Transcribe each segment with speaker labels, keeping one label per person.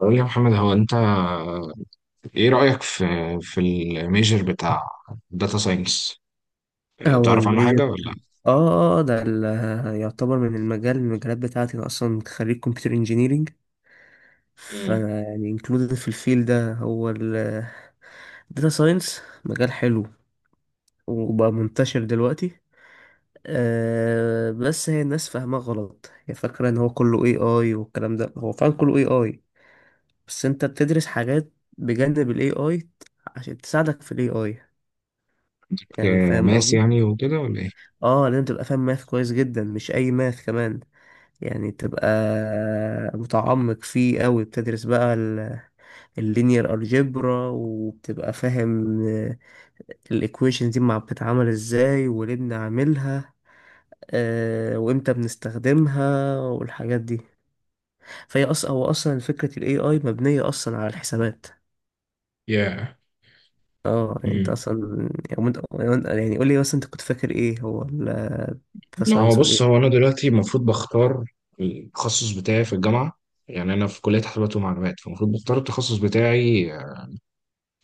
Speaker 1: قول لي يا محمد، هو انت ايه رأيك في الميجر بتاع داتا ساينس؟
Speaker 2: هو
Speaker 1: بتعرف عنه حاجة
Speaker 2: الميجر.
Speaker 1: ولا؟
Speaker 2: اه آه، ده ال- يعتبر من المجالات بتاعتي. انا اصلا خريج كمبيوتر انجينيرينج.
Speaker 1: امم
Speaker 2: فانا يعني انكلودد في الفيل ده. هو الداتا ساينس مجال حلو وبقى منتشر دلوقتي. بس هي الناس فاهماه غلط، هي فاكرة ان هو كله اي اي والكلام ده، هو فعلا كله اي اي. بس انت بتدرس حاجات بجانب الاي اي عشان تساعدك في الاي اي، يعني فاهم
Speaker 1: ماس
Speaker 2: قصدي؟
Speaker 1: يعني وكده، ولا ايه؟
Speaker 2: اه، لازم تبقى فاهم ماث كويس جدا، مش اي ماث كمان، يعني تبقى متعمق فيه أوي. بتدرس بقى اللينير الجبرا وبتبقى فاهم الإيكويشن دي مع بتتعمل إزاي وليه بنعملها، وإمتى بنستخدمها والحاجات دي. فهي أصلا هو أصلا فكرة ال AI مبنية أصلا على الحسابات.
Speaker 1: يا
Speaker 2: اه، يعني انت
Speaker 1: امم
Speaker 2: اصلا، يعني يعني قول لي مثلا انت كنت فاكر ايه هو الداتا
Speaker 1: لا، هو
Speaker 2: ساينس ولا
Speaker 1: بص،
Speaker 2: ايه؟
Speaker 1: هو انا دلوقتي المفروض بختار التخصص بتاعي في الجامعة. يعني انا في كلية حسابات ومعلومات، فالمفروض بختار التخصص بتاعي، يعني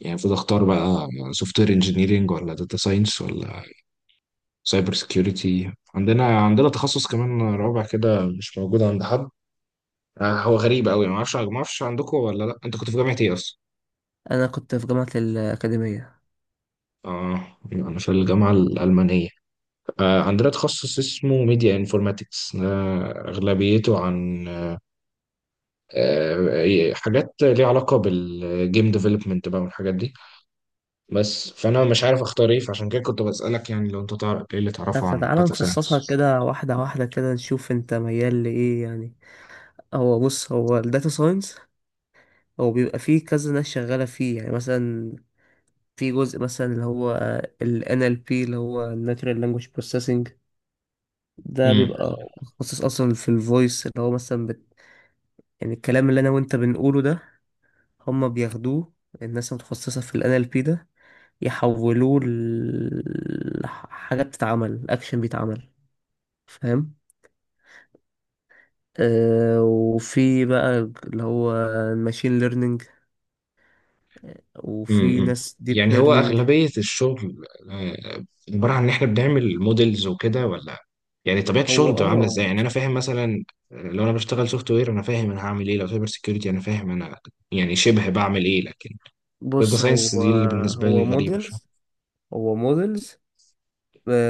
Speaker 1: المفروض اختار بقى سوفت وير انجينيرنج، ولا داتا ساينس، ولا سايبر سكيورتي. عندنا تخصص كمان رابع كده مش موجود عند حد. هو غريب قوي. ما اعرفش عندكم ولا لا. انت كنت في جامعه ايه اصلا؟
Speaker 2: انا كنت في جامعة الأكاديمية.
Speaker 1: اه، انا في الجامعه الالمانيه. عندنا تخصص اسمه ميديا انفورماتكس، اغلبيته عن حاجات ليها علاقه بالجيم ديفلوبمنت بقى والحاجات دي. بس فانا مش عارف اختار ايه، فعشان كده كنت بسالك، يعني لو انت تعرف ايه اللي
Speaker 2: لا،
Speaker 1: تعرفه عن
Speaker 2: فتعالى
Speaker 1: داتا
Speaker 2: نفصصها
Speaker 1: ساينس.
Speaker 2: كده واحدة واحدة كده نشوف انت ميال لإيه يعني. هو بص، هو الداتا ساينس هو بيبقى فيه كذا ناس شغالة فيه. يعني مثلا في جزء مثلا اللي هو ال NLP اللي هو Natural Language Processing. ده بيبقى متخصص أصلا في الفويس، اللي هو مثلا يعني الكلام اللي أنا وأنت بنقوله ده هما بياخدوه، الناس المتخصصة في ال NLP ده يحولوه لحاجة بتتعمل، أكشن بيتعمل. فاهم؟ آه، وفي بقى اللي هو الماشين ليرنينج، وفي
Speaker 1: امم
Speaker 2: ناس ديب
Speaker 1: يعني هو
Speaker 2: ليرنينج.
Speaker 1: أغلبية الشغل آه، عبارة عن إن إحنا بنعمل موديلز وكده، ولا يعني طبيعة
Speaker 2: هو
Speaker 1: الشغل بتبقى عاملة إزاي؟ يعني أنا فاهم مثلا، لو أنا بشتغل سوفت وير أنا فاهم أنا هعمل إيه، لو سايبر سيكيورتي أنا فاهم أنا يعني شبه بعمل إيه، لكن داتا
Speaker 2: بص،
Speaker 1: ساينس
Speaker 2: هو
Speaker 1: دي اللي بالنسبة لي غريبة
Speaker 2: موديلز.
Speaker 1: شوية.
Speaker 2: هو موديلز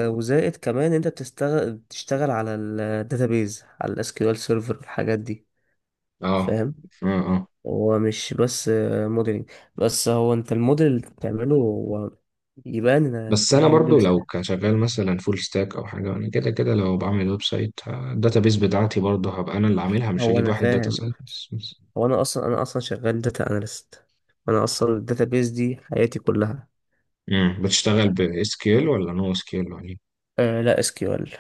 Speaker 2: وزائد كمان انت بتشتغل على الداتابيز، على الاس كيو ال سيرفر الحاجات دي.
Speaker 1: أه،
Speaker 2: فاهم؟
Speaker 1: أه، أه.
Speaker 2: هو مش بس موديلنج بس، هو انت الموديل اللي بتعمله هو يبان ان
Speaker 1: بس
Speaker 2: فاهم
Speaker 1: أنا
Speaker 2: موديل.
Speaker 1: برضو لو كشغال مثلا فول ستاك أو حاجة، أنا كده كده لو بعمل ويب سايت الداتا بيس بتاعتي برضو هبقى أنا اللي عاملها، مش
Speaker 2: هو
Speaker 1: هجيب
Speaker 2: انا
Speaker 1: واحد داتا
Speaker 2: فاهم،
Speaker 1: ساينس.
Speaker 2: هو انا اصلا شغال داتا اناليست. انا اصلا الداتا بيز دي حياتي كلها.
Speaker 1: بتشتغل ب SQL ولا نو SQL ولا؟
Speaker 2: آه لا، اس كيو ال.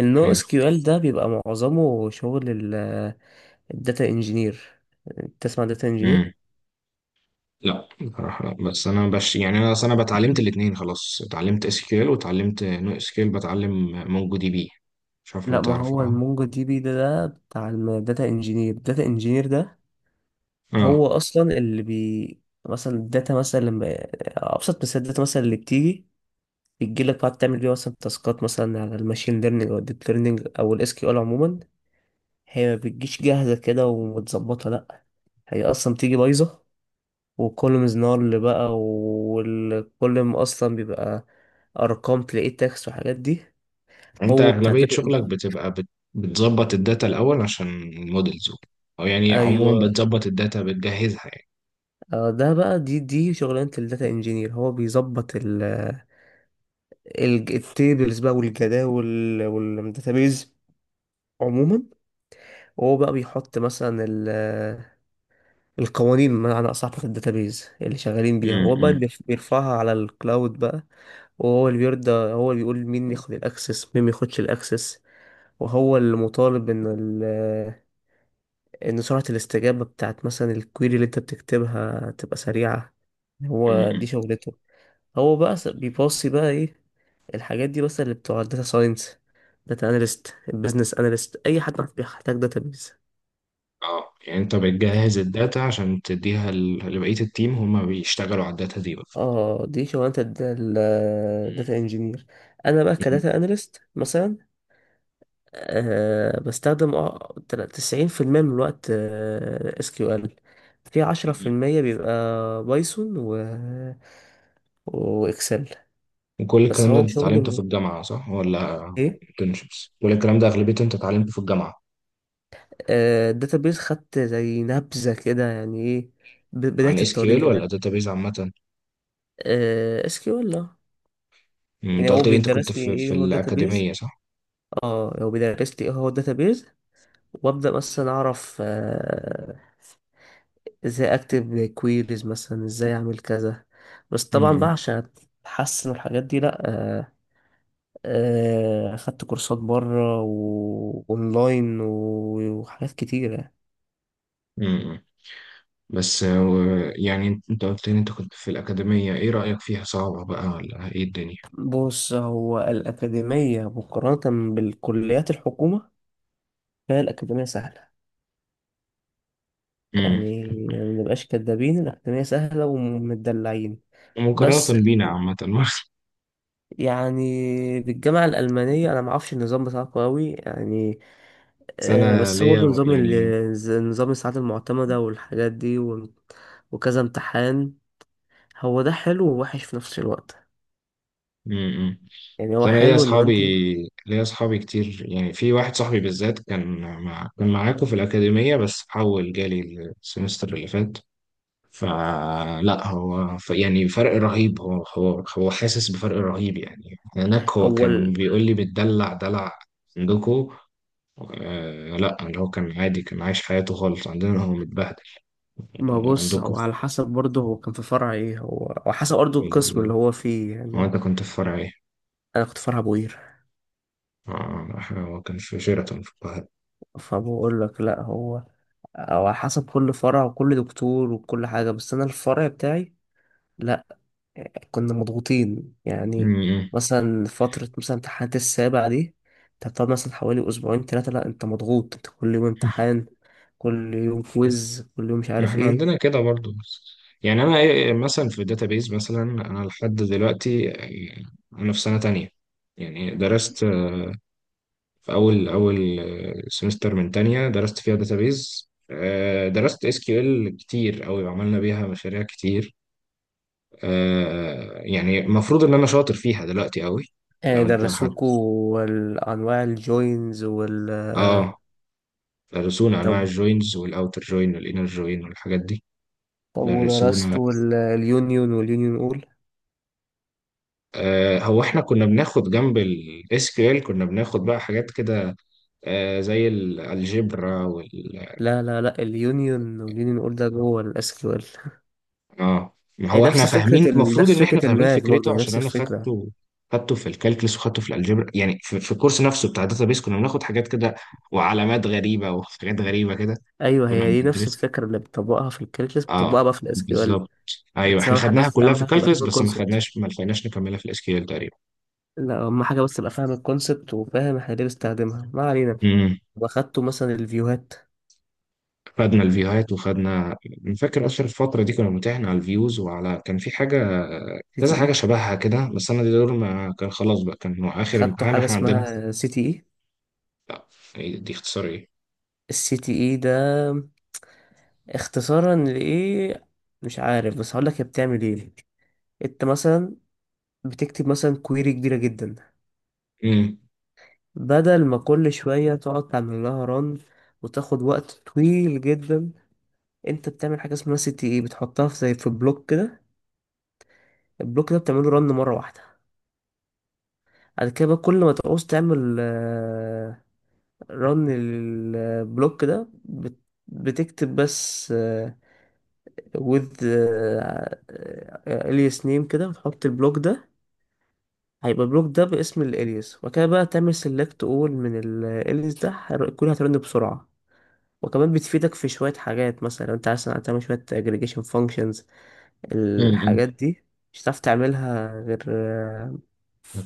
Speaker 2: النو اس
Speaker 1: حلو.
Speaker 2: كيو ال ده بيبقى معظمه شغل الداتا انجينير. تسمع داتا
Speaker 1: امم
Speaker 2: انجينير؟
Speaker 1: لا بصراحه لا، بس انا بش يعني، انا اصل انا بتعلمت الاثنين خلاص، اتعلمت اس كيل واتعلمت نو اس كيل، بتعلم مونجو دي بي، مش عارف لو
Speaker 2: لا، ما
Speaker 1: تعرف،
Speaker 2: هو
Speaker 1: اه.
Speaker 2: المونجو دي بي ده بتاع الداتا انجينير. الداتا انجينير ده
Speaker 1: اه،
Speaker 2: هو اصلا اللي بي مثلا الداتا مثلا لما، ابسط مثال، الداتا مثلا اللي بتيجي بتجيلك بقى تعمل بيها مثلا تاسكات مثلا على الماشين ليرنينج او الديب ليرنينج او الاس كيو ال عموما. هي ما بتجيش جاهزة كده ومتظبطة، لأ. هي أصلا بتيجي بايظة، وكل مزنار اللي بقى وكل ما أصلا بيبقى أرقام تلاقيه تاكس وحاجات دي.
Speaker 1: انت
Speaker 2: هو بتاع
Speaker 1: اغلبيه
Speaker 2: داتا
Speaker 1: شغلك
Speaker 2: انجينير.
Speaker 1: بتبقى بتظبط الداتا الاول عشان المودلز، او يعني عموما
Speaker 2: أيوة،
Speaker 1: بتظبط الداتا بتجهزها يعني؟
Speaker 2: آه، ده بقى دي شغلانة الداتا انجينير. هو بيظبط التيبلز بقى والجداول والداتابيز عموما. وهو بقى بيحط مثلا القوانين، بمعنى أصح بتاعت الداتابيز اللي شغالين بيها. هو بقى
Speaker 1: امم
Speaker 2: بيرفعها على الكلاود بقى. وهو اللي بيرضى، هو اللي بيقول مين ياخد الاكسس مين ما ياخدش الاكسس. وهو اللي مطالب ان سرعة الاستجابة بتاعت مثلا الكويري اللي انت بتكتبها تبقى سريعة. هو
Speaker 1: امم
Speaker 2: دي شغلته. هو بقى بيباصي بقى ايه الحاجات دي، بس اللي بتوع الداتا ساينس، داتا اناليست، البيزنس اناليست، اي حد بيحتاج داتابيز.
Speaker 1: اه، يعني انت بتجهز الداتا عشان تديها لبقيه التيم هما بيشتغلوا على الداتا دي بقى؟
Speaker 2: اه دي شغلانة الداتا انجينير. انا بقى كداتا اناليست مثلا، بستخدم 90% من الوقت اس كيو ال، في عشرة في
Speaker 1: مم.
Speaker 2: المية بيبقى بايثون واكسل.
Speaker 1: وكل
Speaker 2: بس
Speaker 1: الكلام ده
Speaker 2: هو
Speaker 1: انت
Speaker 2: شغلي
Speaker 1: اتعلمته في الجامعة صح، ولا
Speaker 2: ايه،
Speaker 1: internships؟ كل الكلام ده أغلبيته انت اتعلمته في الجامعة؟
Speaker 2: الداتابيز خدت زي نبذة كده، يعني ايه بداية
Speaker 1: عن اس كيو ال
Speaker 2: الطريق
Speaker 1: ولا
Speaker 2: لك.
Speaker 1: داتابيز عامة؟
Speaker 2: اس كيو ال. يعني
Speaker 1: انت
Speaker 2: هو
Speaker 1: قلت لي انت كنت
Speaker 2: بيدرس لي
Speaker 1: في,
Speaker 2: ايه هو الداتابيز.
Speaker 1: الأكاديمية صح؟
Speaker 2: اه، هو بيدرس لي ايه هو الداتابيز، وابدا مثلا اعرف ازاي اكتب كويريز، مثلا ازاي اعمل كذا. بس طبعا
Speaker 1: مم،
Speaker 2: بقى عشان اتحسن الحاجات دي، لا، اخدت كورسات بره واونلاين وحاجات كتيرة.
Speaker 1: مم. بس يعني انت قلت لي انت كنت في الأكاديمية، ايه رأيك فيها؟ صعبة بقى ولا ايه الدنيا؟
Speaker 2: بص، هو الأكاديمية مقارنة بالكليات الحكومة، فهي الأكاديمية سهلة.
Speaker 1: مم.
Speaker 2: يعني ما نبقاش كدابين، الأكاديمية سهلة ومدلعين. بس
Speaker 1: مقارنة بينا عامة.
Speaker 2: يعني بالجامعة الألمانية أنا معرفش النظام بتاعكم أوي يعني.
Speaker 1: بس انا
Speaker 2: بس هو
Speaker 1: ليا
Speaker 2: برضه نظام
Speaker 1: يعني،
Speaker 2: نظام الساعات المعتمدة والحاجات دي وكذا امتحان. هو ده حلو ووحش في نفس الوقت،
Speaker 1: امم
Speaker 2: يعني هو
Speaker 1: انا ليا
Speaker 2: حلو إن
Speaker 1: اصحابي
Speaker 2: أنت...
Speaker 1: ليا اصحابي كتير. يعني في واحد صاحبي بالذات كان كان معاكم في الاكاديميه بس حول جالي السمستر اللي فات. فلا هو يعني فرق رهيب، هو حاسس بفرق رهيب. يعني هناك هو
Speaker 2: هو
Speaker 1: كان
Speaker 2: ال-
Speaker 1: بيقول لي بتدلع دلع عندكم. آه لا، اللي هو كان عادي كان عايش حياته خالص، عندنا هو متبهدل.
Speaker 2: ما بص،
Speaker 1: وعندكم
Speaker 2: هو على حسب برضه، هو كان في فرع إيه؟ هو على حسب برضه
Speaker 1: في
Speaker 2: القسم
Speaker 1: ال...
Speaker 2: اللي هو فيه
Speaker 1: هو
Speaker 2: يعني.
Speaker 1: انت كنت في فرع ايه؟
Speaker 2: أنا كنت فرع بوير.
Speaker 1: هو كان في شيراتون في القاهره.
Speaker 2: فبقول لك لأ، هو على حسب كل فرع وكل دكتور وكل حاجة. بس أنا الفرع بتاعي، لا، كنا مضغوطين يعني.
Speaker 1: امم
Speaker 2: مثلا فترة مثلا امتحانات السابع دي، انت بتقعد مثلا حوالي أسبوعين تلاتة، لأ، أنت مضغوط، أنت كل يوم امتحان، كل يوم كويز، كل يوم مش
Speaker 1: ما
Speaker 2: عارف
Speaker 1: احنا
Speaker 2: ايه.
Speaker 1: عندنا كده برضو. يعني انا مثلا في الداتابيز، مثلا انا لحد دلوقتي انا في سنة تانية، يعني درست في اول سمستر من تانية درست فيها داتابيز. درست اس كيو ال كتير قوي وعملنا بيها مشاريع كتير. يعني المفروض ان انا شاطر فيها دلوقتي قوي. لو انت حد،
Speaker 2: درسوكوا أنواع الجوينز وال...
Speaker 1: اه، درسونا انواع
Speaker 2: طب،
Speaker 1: الجوينز والاوتر جوين والانر جوين والحاجات دي. درسونا.
Speaker 2: ودرستوا اليونيون واليونيون أول؟
Speaker 1: هو احنا كنا بناخد جنب الاس كيو ال SQL كنا بناخد بقى حاجات كده، زي الالجبرا.
Speaker 2: لا لا لا، اليونيون واليونيون أول ده جوه الاس كيو ال SQL.
Speaker 1: اه، ما
Speaker 2: إيه،
Speaker 1: هو احنا فاهمين، المفروض ان
Speaker 2: نفس
Speaker 1: احنا
Speaker 2: فكرة
Speaker 1: فاهمين
Speaker 2: الماث برضه،
Speaker 1: فكرته
Speaker 2: يعني
Speaker 1: عشان
Speaker 2: نفس
Speaker 1: انا
Speaker 2: الفكرة.
Speaker 1: خدته، خدته في الكالكلس وخدته في الالجبرا، يعني في, الكورس نفسه بتاع بيس كنا بناخد حاجات كده وعلامات غريبة وحاجات غريبة كده
Speaker 2: أيوه،
Speaker 1: كنا
Speaker 2: هي دي نفس
Speaker 1: بندرسها.
Speaker 2: الفكرة اللي بتطبقها في الكالكلس بتطبقها
Speaker 1: اه،
Speaker 2: بقى في الاس كيو ال
Speaker 1: بالظبط.
Speaker 2: SQL.
Speaker 1: ايوه
Speaker 2: بس
Speaker 1: احنا
Speaker 2: اهم حاجه
Speaker 1: خدناها
Speaker 2: بس
Speaker 1: كلها
Speaker 2: اهم
Speaker 1: في
Speaker 2: حاجه تبقى
Speaker 1: الكالكلس،
Speaker 2: فاهم
Speaker 1: بس
Speaker 2: الكونسبت.
Speaker 1: ما لحقناش نكملها في الاس كيو ال.
Speaker 2: لا، اهم حاجه بس تبقى فاهم الكونسبت وفاهم احنا ليه بنستخدمها، ما علينا.
Speaker 1: تقريبا.
Speaker 2: واخدته مثلا الفيوهات،
Speaker 1: خدنا الفيوهات أنا فاكر اصلا الفتره دي كنا بنمتحن على الفيوز وعلى كان في حاجه،
Speaker 2: سي تي
Speaker 1: كذا
Speaker 2: اي،
Speaker 1: حاجه شبهها كده. بس انا دي دول ما كان خلاص بقى، كان هو اخر
Speaker 2: خدته
Speaker 1: امتحان
Speaker 2: حاجه
Speaker 1: احنا
Speaker 2: اسمها
Speaker 1: عندنا.
Speaker 2: سي تي اي.
Speaker 1: إيه دي اختصار ايه؟
Speaker 2: السي تي اي ده اختصارا لايه؟ مش عارف، بس هقول لك هي بتعمل ايه. انت مثلا بتكتب مثلا كويري كبيره جدا،
Speaker 1: امم
Speaker 2: بدل ما كل شويه تقعد تعمل لها ران وتاخد وقت طويل جدا، انت بتعمل حاجه اسمها سي تي اي، بتحطها في زي في بلوك كده، البلوك ده بتعمله رن مره واحده. بعد كده بقى كل ما تعوز تعمل، رن للبلوك ده، بتكتب بس، with اليس name كده وتحط البلوك ده، هيبقى البلوك ده باسم الاليس. وكده بقى تعمل سيلكت اول من الاليس ده كل هترن بسرعة. وكمان بتفيدك في شوية حاجات، مثلا لو انت عايز تعمل شوية aggregation functions
Speaker 1: امم
Speaker 2: الحاجات دي مش هتعرف تعملها غير آه،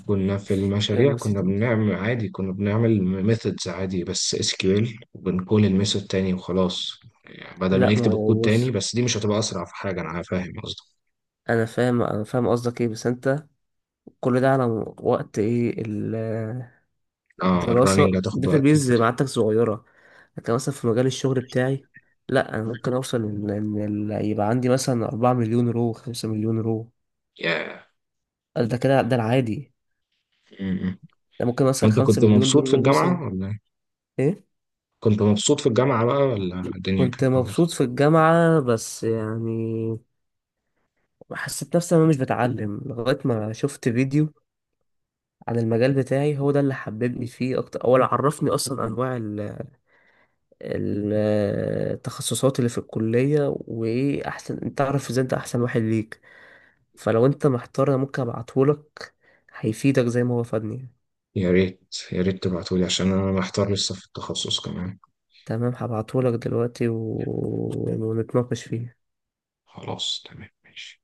Speaker 1: كنا في
Speaker 2: غير
Speaker 1: المشاريع
Speaker 2: بس
Speaker 1: كنا
Speaker 2: دي.
Speaker 1: بنعمل عادي، كنا بنعمل ميثودز عادي بس اس كيو ال، وبنقول الميثود تاني وخلاص. يعني بدل ما
Speaker 2: لا، ما
Speaker 1: نكتب الكود
Speaker 2: هو بص،
Speaker 1: تاني، بس دي مش هتبقى اسرع في حاجه، انا فاهم قصدك.
Speaker 2: انا فاهم قصدك ايه. بس انت كل ده على وقت ايه
Speaker 1: اه،
Speaker 2: الدراسة
Speaker 1: الرننج هتاخد وقت
Speaker 2: الداتابيز
Speaker 1: كتير.
Speaker 2: معادتك صغيرة. لكن مثلا في مجال الشغل بتاعي، لا، انا ممكن اوصل يبقى عندي مثلا 4 مليون رو 5 مليون رو،
Speaker 1: ياه.
Speaker 2: قال ده كده ده العادي.
Speaker 1: yeah.
Speaker 2: ده ممكن مثلا
Speaker 1: وانت
Speaker 2: 5
Speaker 1: كنت
Speaker 2: مليون دول
Speaker 1: مبسوط في
Speaker 2: رو مثلا.
Speaker 1: الجامعه ولا؟
Speaker 2: ايه،
Speaker 1: كنت مبسوط في الجامعة بقى ولا الدنيا
Speaker 2: كنت
Speaker 1: كانت عاملة إزاي؟
Speaker 2: مبسوط في الجامعة بس يعني، حسيت نفسي انا مش بتعلم لغاية ما شفت فيديو عن المجال بتاعي، هو ده اللي حببني فيه اكتر. اول عرفني اصلا انواع التخصصات اللي في الكلية، وايه احسن؟ انت تعرف ازاي انت احسن واحد ليك. فلو انت محتار انا ممكن ابعتهولك، هيفيدك زي ما هو فادني.
Speaker 1: يا ريت يا ريت تبعتولي عشان أنا محتار لسه في التخصص كمان.
Speaker 2: تمام، هبعتهولك دلوقتي و... ونتناقش فيه
Speaker 1: خلاص تمام ماشي.